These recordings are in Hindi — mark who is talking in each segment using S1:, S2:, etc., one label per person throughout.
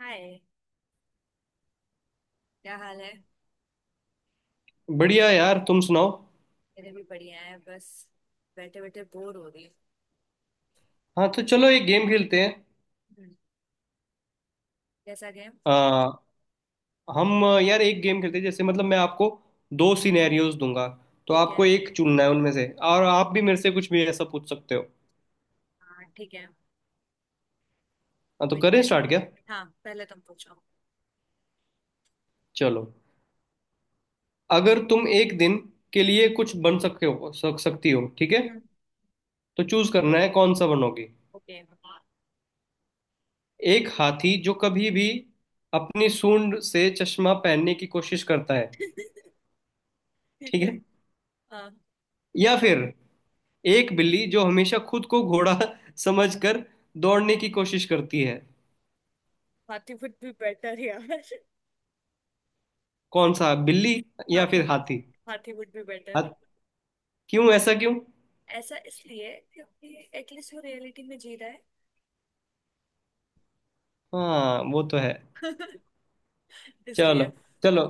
S1: हाय, क्या हाल है।
S2: बढ़िया यार, तुम सुनाओ।
S1: मेरे भी बढ़िया है, बस बैठे बैठे बोर हो रही
S2: हाँ, तो चलो एक गेम खेलते हैं।
S1: हूँ। जैसा गेम।
S2: आ, हम यार एक गेम खेलते हैं, जैसे मतलब मैं आपको दो सिनेरियोज दूंगा, तो
S1: ठीक
S2: आपको
S1: है।
S2: एक चुनना है उनमें से, और आप भी मेरे से कुछ भी ऐसा पूछ सकते हो।
S1: हाँ ठीक है,
S2: हाँ, तो
S1: कोई
S2: करें
S1: दिक्कत
S2: स्टार्ट
S1: नहीं।
S2: क्या?
S1: हाँ, पहले तुम पूछो।
S2: चलो, अगर तुम एक दिन के लिए कुछ बन सकते हो, सक सकती हो, ठीक है?
S1: हम्म,
S2: तो चूज करना है कौन सा बनोगी।
S1: ओके।
S2: एक हाथी जो कभी भी अपनी सूंड से चश्मा पहनने की कोशिश करता है।
S1: ठीक
S2: ठीक
S1: है।
S2: है?
S1: हाँ।
S2: या फिर एक बिल्ली जो हमेशा खुद को घोड़ा समझकर दौड़ने की कोशिश करती है।
S1: हाथी वुड बी बेटर यार।
S2: कौन सा, बिल्ली या
S1: हाथी।
S2: फिर हाथी?
S1: हाथी वुड बी बेटर।
S2: हाथ क्यों, ऐसा क्यों?
S1: ऐसा इसलिए क्योंकि एटलीस्ट वो रियलिटी में जी रहा
S2: हाँ, वो तो है।
S1: है।
S2: चलो,
S1: इसलिए।
S2: चलो।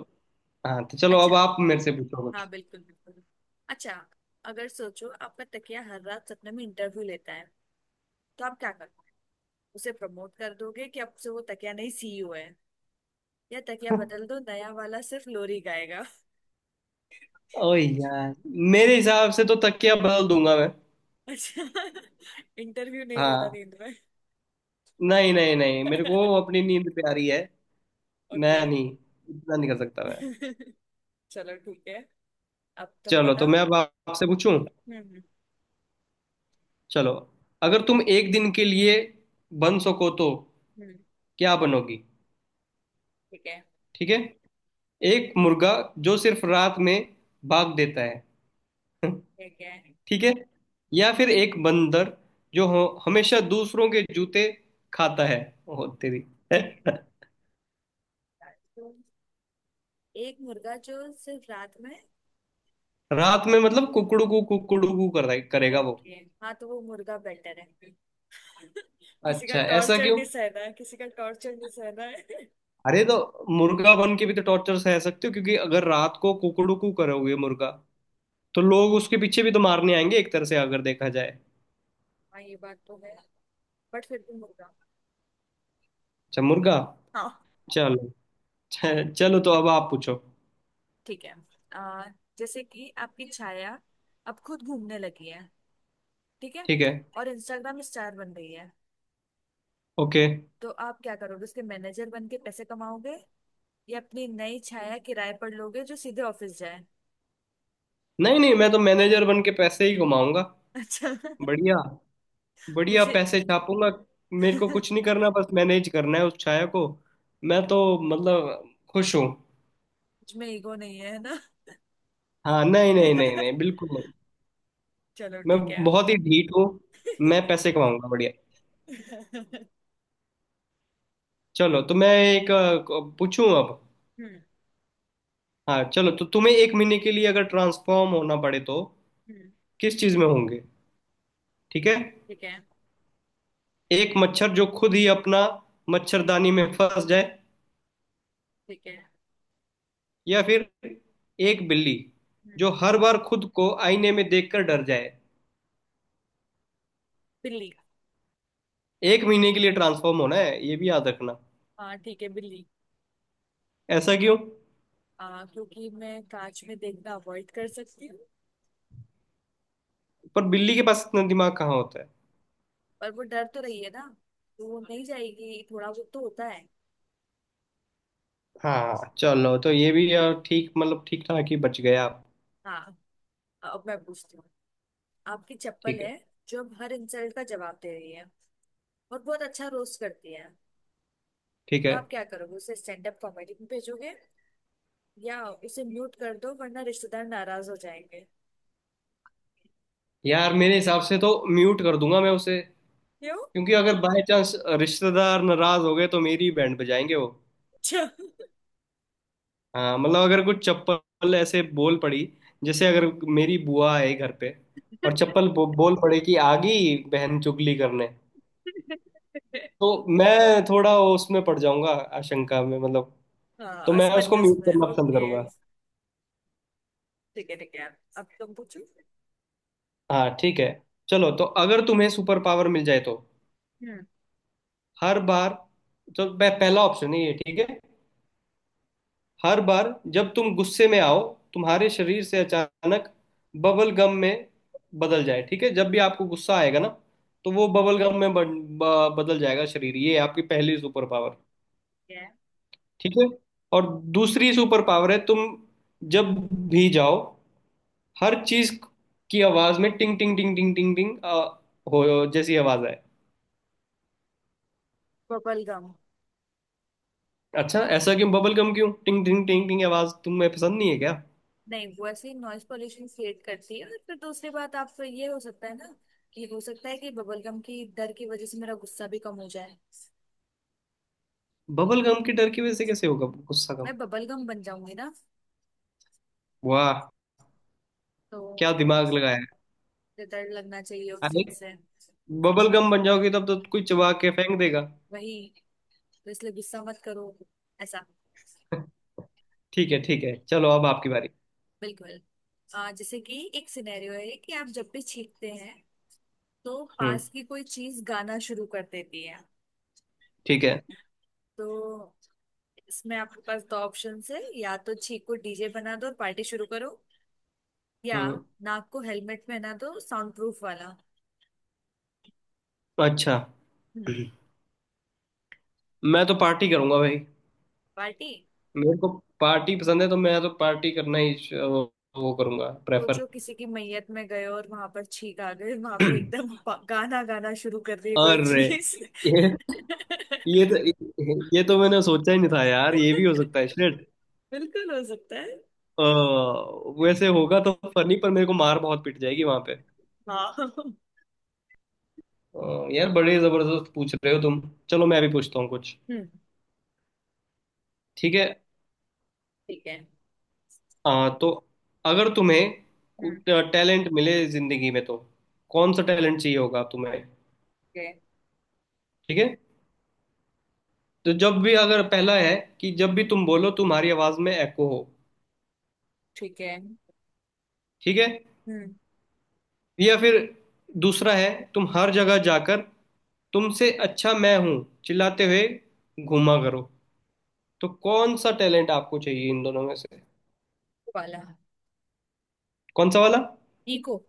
S2: हाँ, तो चलो
S1: अच्छा।
S2: अब आप मेरे से पूछो
S1: हाँ
S2: कुछ।
S1: बिल्कुल बिल्कुल। अच्छा, अगर सोचो आपका तकिया हर रात सपने में इंटरव्यू लेता है, तो आप क्या करोगे। उसे प्रमोट कर दोगे कि अब से वो तकिया नहीं सीईओ है, या तकिया बदल दो नया वाला सिर्फ लोरी गाएगा।
S2: ओ यार, मेरे हिसाब से तो तकिया बदल दूंगा मैं।
S1: अच्छा, इंटरव्यू नहीं लेता
S2: हाँ।
S1: नींद में।
S2: नहीं नहीं नहीं, मेरे को अपनी नींद प्यारी है। मैं
S1: ओके,
S2: नहीं, इतना नहीं कर सकता मैं।
S1: चलो ठीक है। अब तुम
S2: चलो तो
S1: बताओ।
S2: मैं अब आपसे पूछूं।
S1: हम्म हम्म
S2: चलो, अगर तुम एक दिन के लिए बन सको तो
S1: हम्म,
S2: क्या बनोगी?
S1: ठीक है।
S2: ठीक है? एक मुर्गा जो सिर्फ रात में भाग देता है।
S1: ठीक है। ठीक
S2: ठीक है? या फिर एक बंदर जो हमेशा दूसरों के जूते खाता है। ओ तेरी।
S1: है। तो एक मुर्गा जो सिर्फ रात में।
S2: रात में मतलब कुकड़ू कु करेगा वो।
S1: ओके, हाँ तो वो मुर्गा बेटर है। किसी का
S2: अच्छा, ऐसा
S1: टॉर्चर
S2: क्यों?
S1: नहीं सहना है, किसी का टॉर्चर नहीं सहना है।
S2: अरे तो मुर्गा बन के भी तो टॉर्चर सह सकते हो, क्योंकि अगर रात को कुकड़ू कु करोगे मुर्गा, तो लोग उसके पीछे भी तो मारने आएंगे, एक तरह से अगर देखा जाए।
S1: हाँ ये बात तो है, बट फिर भी होगा।
S2: अच्छा, मुर्गा।
S1: हाँ
S2: चलो। चलो, तो अब आप पूछो।
S1: ठीक है। आ, जैसे कि आपकी छाया अब खुद घूमने लगी है, ठीक है,
S2: ठीक है।
S1: और इंस्टाग्राम स्टार बन रही है।
S2: ओके।
S1: तो आप क्या करोगे, उसके मैनेजर बन के पैसे कमाओगे, या अपनी नई छाया किराए पर लोगे जो सीधे ऑफिस जाए।
S2: नहीं नहीं, मैं तो मैनेजर बन के पैसे ही घुमाऊंगा।
S1: अच्छा।
S2: बढ़िया, बढ़िया
S1: मुझे
S2: पैसे छापूंगा। मेरे को
S1: मुझ
S2: कुछ नहीं करना, बस मैनेज करना है उस छाया को। मैं तो मतलब खुश हूँ।
S1: में ईगो नहीं है, है ना।
S2: हाँ, नहीं नहीं नहीं नहीं, बिल्कुल नहीं।
S1: चलो
S2: मैं
S1: ठीक है।
S2: बहुत ही ढीठ हूँ। मैं पैसे कमाऊंगा बढ़िया।
S1: हम्म
S2: चलो, तो मैं एक पूछूं अब। हाँ, चलो, तो तुम्हें एक महीने के लिए अगर ट्रांसफॉर्म होना पड़े, तो
S1: हम्म।
S2: किस चीज में होंगे? ठीक है?
S1: ठीक है।
S2: एक मच्छर जो खुद ही अपना मच्छरदानी में फंस जाए,
S1: ठीक है।
S2: या फिर एक बिल्ली
S1: हम्म,
S2: जो हर बार खुद को आईने में देखकर डर जाए।
S1: बिल्ली का।
S2: एक महीने के लिए ट्रांसफॉर्म होना है, ये भी याद रखना।
S1: हाँ ठीक है, बिल्ली।
S2: ऐसा क्यों?
S1: क्योंकि मैं कांच में देखना अवॉइड कर सकती हूँ।
S2: पर बिल्ली के पास इतना दिमाग कहाँ होता है।
S1: पर वो डर तो रही है ना, तो वो नहीं जाएगी, थोड़ा बहुत तो होता है।
S2: हाँ चलो, तो ये भी यार ठीक, मतलब ठीक ठाक ही बच गया आप।
S1: हाँ, अब मैं पूछती हूँ। आपकी चप्पल
S2: ठीक है,
S1: है जो अब हर इंसल्ट का जवाब दे रही है और बहुत अच्छा रोस्ट करती है।
S2: ठीक
S1: तो
S2: है।
S1: आप क्या करोगे, उसे स्टैंड अप कॉमेडी में भेजोगे, या उसे म्यूट कर दो वरना रिश्तेदार नाराज हो जाएंगे।
S2: यार मेरे हिसाब से तो म्यूट कर दूंगा मैं उसे।
S1: क्यों।
S2: क्योंकि अगर बाय चांस रिश्तेदार नाराज हो गए, तो मेरी बैंड बजाएंगे वो।
S1: अच्छा।
S2: हाँ मतलब, अगर कुछ चप्पल ऐसे बोल पड़ी, जैसे अगर मेरी बुआ है घर पे, और चप्पल बोल पड़े कि आ गई बहन चुगली करने, तो मैं थोड़ा उसमें पड़ जाऊंगा, आशंका में मतलब।
S1: हाँ,
S2: तो मैं उसको
S1: असमंजस
S2: म्यूट
S1: में,
S2: करना पसंद
S1: ओके।
S2: करूंगा।
S1: ठीक है ठीक है, अब तुम पूछो।
S2: हाँ ठीक है। चलो, तो अगर तुम्हें सुपर पावर मिल जाए, तो
S1: हम्म।
S2: हर बार, तो पहला ऑप्शन है ये, ठीक है? हर बार जब तुम गुस्से में आओ, तुम्हारे शरीर से अचानक बबल गम में बदल जाए। ठीक है? जब भी आपको गुस्सा आएगा ना, तो वो बबल गम में बदल जाएगा शरीर। ये आपकी पहली सुपर पावर। ठीक है? और दूसरी सुपर पावर है, तुम जब भी जाओ, हर चीज की आवाज में टिंग टिंग टिंग टिंग टिंग टिंग हो जैसी आवाज आए।
S1: Bubble gum.
S2: अच्छा, ऐसा क्यों? बबल गम क्यों? टिंग टिंग टिंग टिंग आवाज तुम्हें पसंद नहीं है क्या?
S1: नहीं, वो ऐसे ही नॉइज पॉल्यूशन क्रिएट करती है। और फिर दूसरी बात, आप तो ये हो सकता है ना, कि हो सकता है कि बबल गम की डर की वजह से मेरा गुस्सा भी कम हो जाए।
S2: बबल गम के डर की वजह से कैसे होगा गुस्सा कम?
S1: मैं बबल गम बन जाऊंगी ना,
S2: वाह,
S1: तो
S2: क्या दिमाग लगाया है।
S1: मुझे डर लगना चाहिए उस
S2: अरे,
S1: चीज से।
S2: बबल गम बन जाओगी तब तो कोई चबा के फेंक देगा।
S1: वही तो, इसलिए गुस्सा मत करो ऐसा।
S2: ठीक है ठीक है, चलो अब आपकी बारी।
S1: बिल्कुल। जैसे कि एक सिनेरियो है कि आप जब भी छींकते हैं, तो
S2: हम्म।
S1: पास की कोई चीज गाना शुरू कर देती है।
S2: ठीक है।
S1: तो इसमें आपके पास दो ऑप्शन है, या तो छींको डीजे बना दो और पार्टी शुरू करो, या
S2: हम्म।
S1: नाक को हेलमेट में ना दो साउंड प्रूफ वाला।
S2: अच्छा,
S1: हम्म,
S2: मैं तो पार्टी करूंगा भाई।
S1: पार्टी।
S2: मेरे को पार्टी पसंद है, तो मैं तो पार्टी करना ही वो करूंगा प्रेफर।
S1: सोचो किसी की मैयत में गए और वहां पर छींक आ गई, वहां पे एकदम गाना गाना शुरू कर दिए कोई
S2: अरे,
S1: चीज।
S2: ये, ये ये तो मैंने सोचा ही नहीं था यार, ये भी हो सकता है, शिट।
S1: बिल्कुल हो सकता है।
S2: वैसे होगा तो फनी, पर मेरे को मार बहुत पिट जाएगी वहां पे।
S1: हाँ हम्म।
S2: यार बड़े जबरदस्त पूछ रहे हो तुम। चलो, मैं भी पूछता हूँ कुछ। ठीक है?
S1: ठीक है।
S2: तो अगर तुम्हें
S1: हम्म।
S2: टैलेंट मिले जिंदगी में, तो कौन सा टैलेंट चाहिए होगा तुम्हें?
S1: ठीक है।
S2: ठीक है? तो जब भी, अगर पहला है कि जब भी तुम बोलो, तुम्हारी आवाज में एको हो।
S1: ठीक है।
S2: ठीक है?
S1: हम्म
S2: या फिर दूसरा है, तुम हर जगह जाकर "तुमसे अच्छा मैं हूं" चिल्लाते हुए घूमा करो। तो कौन सा टैलेंट आपको चाहिए इन दोनों में से?
S1: वाला।
S2: कौन सा वाला?
S1: इको।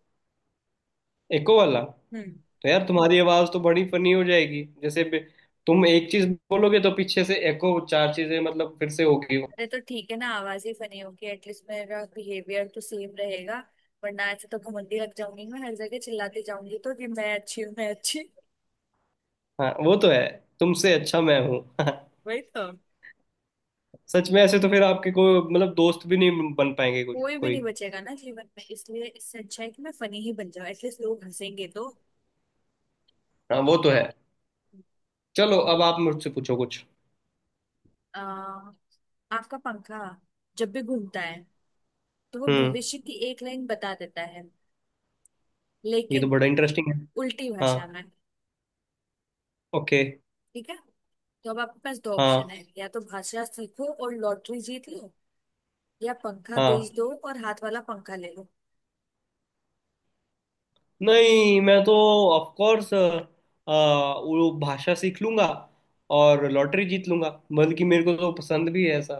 S2: एको वाला?
S1: हम्म।
S2: तो यार तुम्हारी आवाज तो बड़ी फनी हो जाएगी, जैसे तुम एक चीज बोलोगे तो पीछे से एको, चार चीजें मतलब फिर से होगी।
S1: अरे तो ठीक है ना, आवाज ही फनी होगी, एटलीस्ट मेरा बिहेवियर तो सेम रहेगा। वरना ऐसे तो घमंडी लग जाऊंगी, मैं हर जगह चिल्लाती जाऊंगी तो कि मैं अच्छी हूँ, मैं अच्छी हूँ।
S2: हाँ, वो तो है। तुमसे अच्छा मैं हूँ।
S1: वही तो।
S2: सच में ऐसे तो फिर आपके कोई मतलब दोस्त भी नहीं बन पाएंगे, कोई
S1: कोई भी
S2: कोई।
S1: नहीं बचेगा ना जीवन में, इसलिए इससे अच्छा है कि मैं फनी ही बन जाऊं, एटलीस्ट लोग हंसेंगे तो।
S2: हाँ वो तो है। चलो, अब आप मुझसे पूछो कुछ।
S1: आ, आपका पंखा जब भी घूमता है, तो वो
S2: हम्म।
S1: भविष्य की एक लाइन बता देता है,
S2: ये तो
S1: लेकिन
S2: बड़ा इंटरेस्टिंग है।
S1: उल्टी
S2: हाँ।
S1: भाषा में।
S2: ओके।
S1: ठीक है, तो अब आपके पास दो ऑप्शन
S2: हाँ
S1: है, या तो भाषा सीखो और लॉटरी जीत लो, या पंखा
S2: हाँ।
S1: बेच दो और हाथ वाला पंखा ले लो।
S2: नहीं, मैं तो ऑफ कोर्स वो भाषा सीख लूंगा और लॉटरी जीत लूंगा। बल्कि मेरे को तो पसंद भी है ऐसा,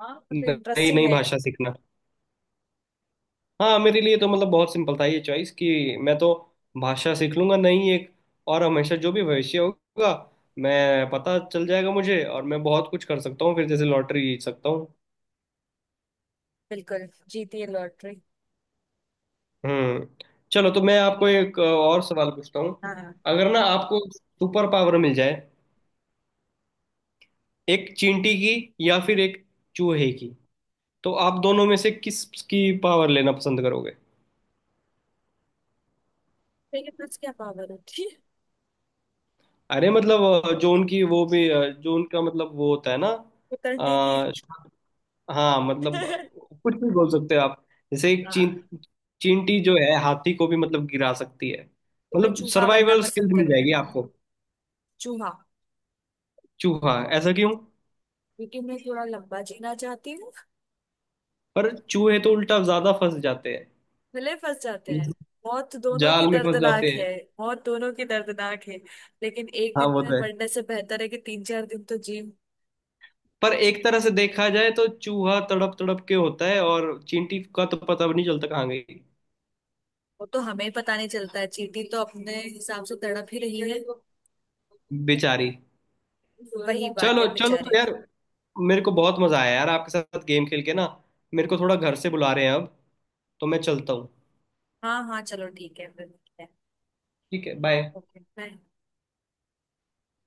S1: हाँ तो
S2: नई
S1: इंटरेस्टिंग
S2: नई
S1: है।
S2: भाषा सीखना। हाँ, मेरे लिए तो मतलब बहुत सिंपल था ये चॉइस, कि मैं तो भाषा सीख लूंगा नई एक, और हमेशा जो भी भविष्य होगा मैं पता चल जाएगा मुझे, और मैं बहुत कुछ कर सकता हूँ फिर, जैसे लॉटरी जीत सकता हूँ।
S1: बिल्कुल, जीती है लॉटरी।
S2: हम्म। चलो तो मैं आपको एक और सवाल पूछता हूँ।
S1: हाँ हाँ।
S2: अगर ना आपको सुपर पावर मिल जाए एक चींटी की, या फिर एक चूहे की, तो आप दोनों में से किस की पावर लेना पसंद करोगे?
S1: मेरे पास क्या पावर होती है,
S2: अरे मतलब जो उनकी, वो भी जो उनका मतलब वो होता है ना।
S1: उतरने की।
S2: आ, हाँ मतलब कुछ भी बोल सकते हो आप। जैसे एक
S1: हाँ,
S2: चींटी जो है हाथी को भी मतलब गिरा सकती है।
S1: तो मैं
S2: मतलब
S1: चूहा बनना
S2: सर्वाइवल स्किल्स
S1: पसंद
S2: मिल
S1: करूँ।
S2: जाएगी आपको।
S1: चूहा।
S2: चूहा, ऐसा क्यों?
S1: क्योंकि मैं थोड़ा लंबा जीना चाहती हूँ।
S2: पर चूहे तो उल्टा ज्यादा फंस जाते
S1: गले फंस जाते हैं।
S2: हैं,
S1: मौत दोनों की
S2: जाल में फंस
S1: दर्दनाक
S2: जाते हैं।
S1: है। मौत दोनों की दर्दनाक है, लेकिन एक
S2: हाँ
S1: दिन
S2: वो
S1: में
S2: तो है।
S1: मरने से बेहतर है कि तीन चार दिन तो जी।
S2: पर एक तरह से देखा जाए तो चूहा तड़प तड़प के होता है, और चींटी का तो पता भी नहीं चलता कहाँ गई,
S1: वो तो हमें पता नहीं चलता है, चींटी तो अपने हिसाब से तड़प ही रही है।
S2: बेचारी।
S1: वही बात
S2: चलो,
S1: है,
S2: चलो तो
S1: बेचारे।
S2: यार, मेरे को बहुत मजा आया यार आपके साथ गेम खेल के ना। मेरे को थोड़ा घर से बुला रहे हैं अब, तो मैं चलता हूँ।
S1: हाँ हाँ चलो ठीक है, फिर मिलते हैं।
S2: ठीक है, बाय।
S1: Okay bye.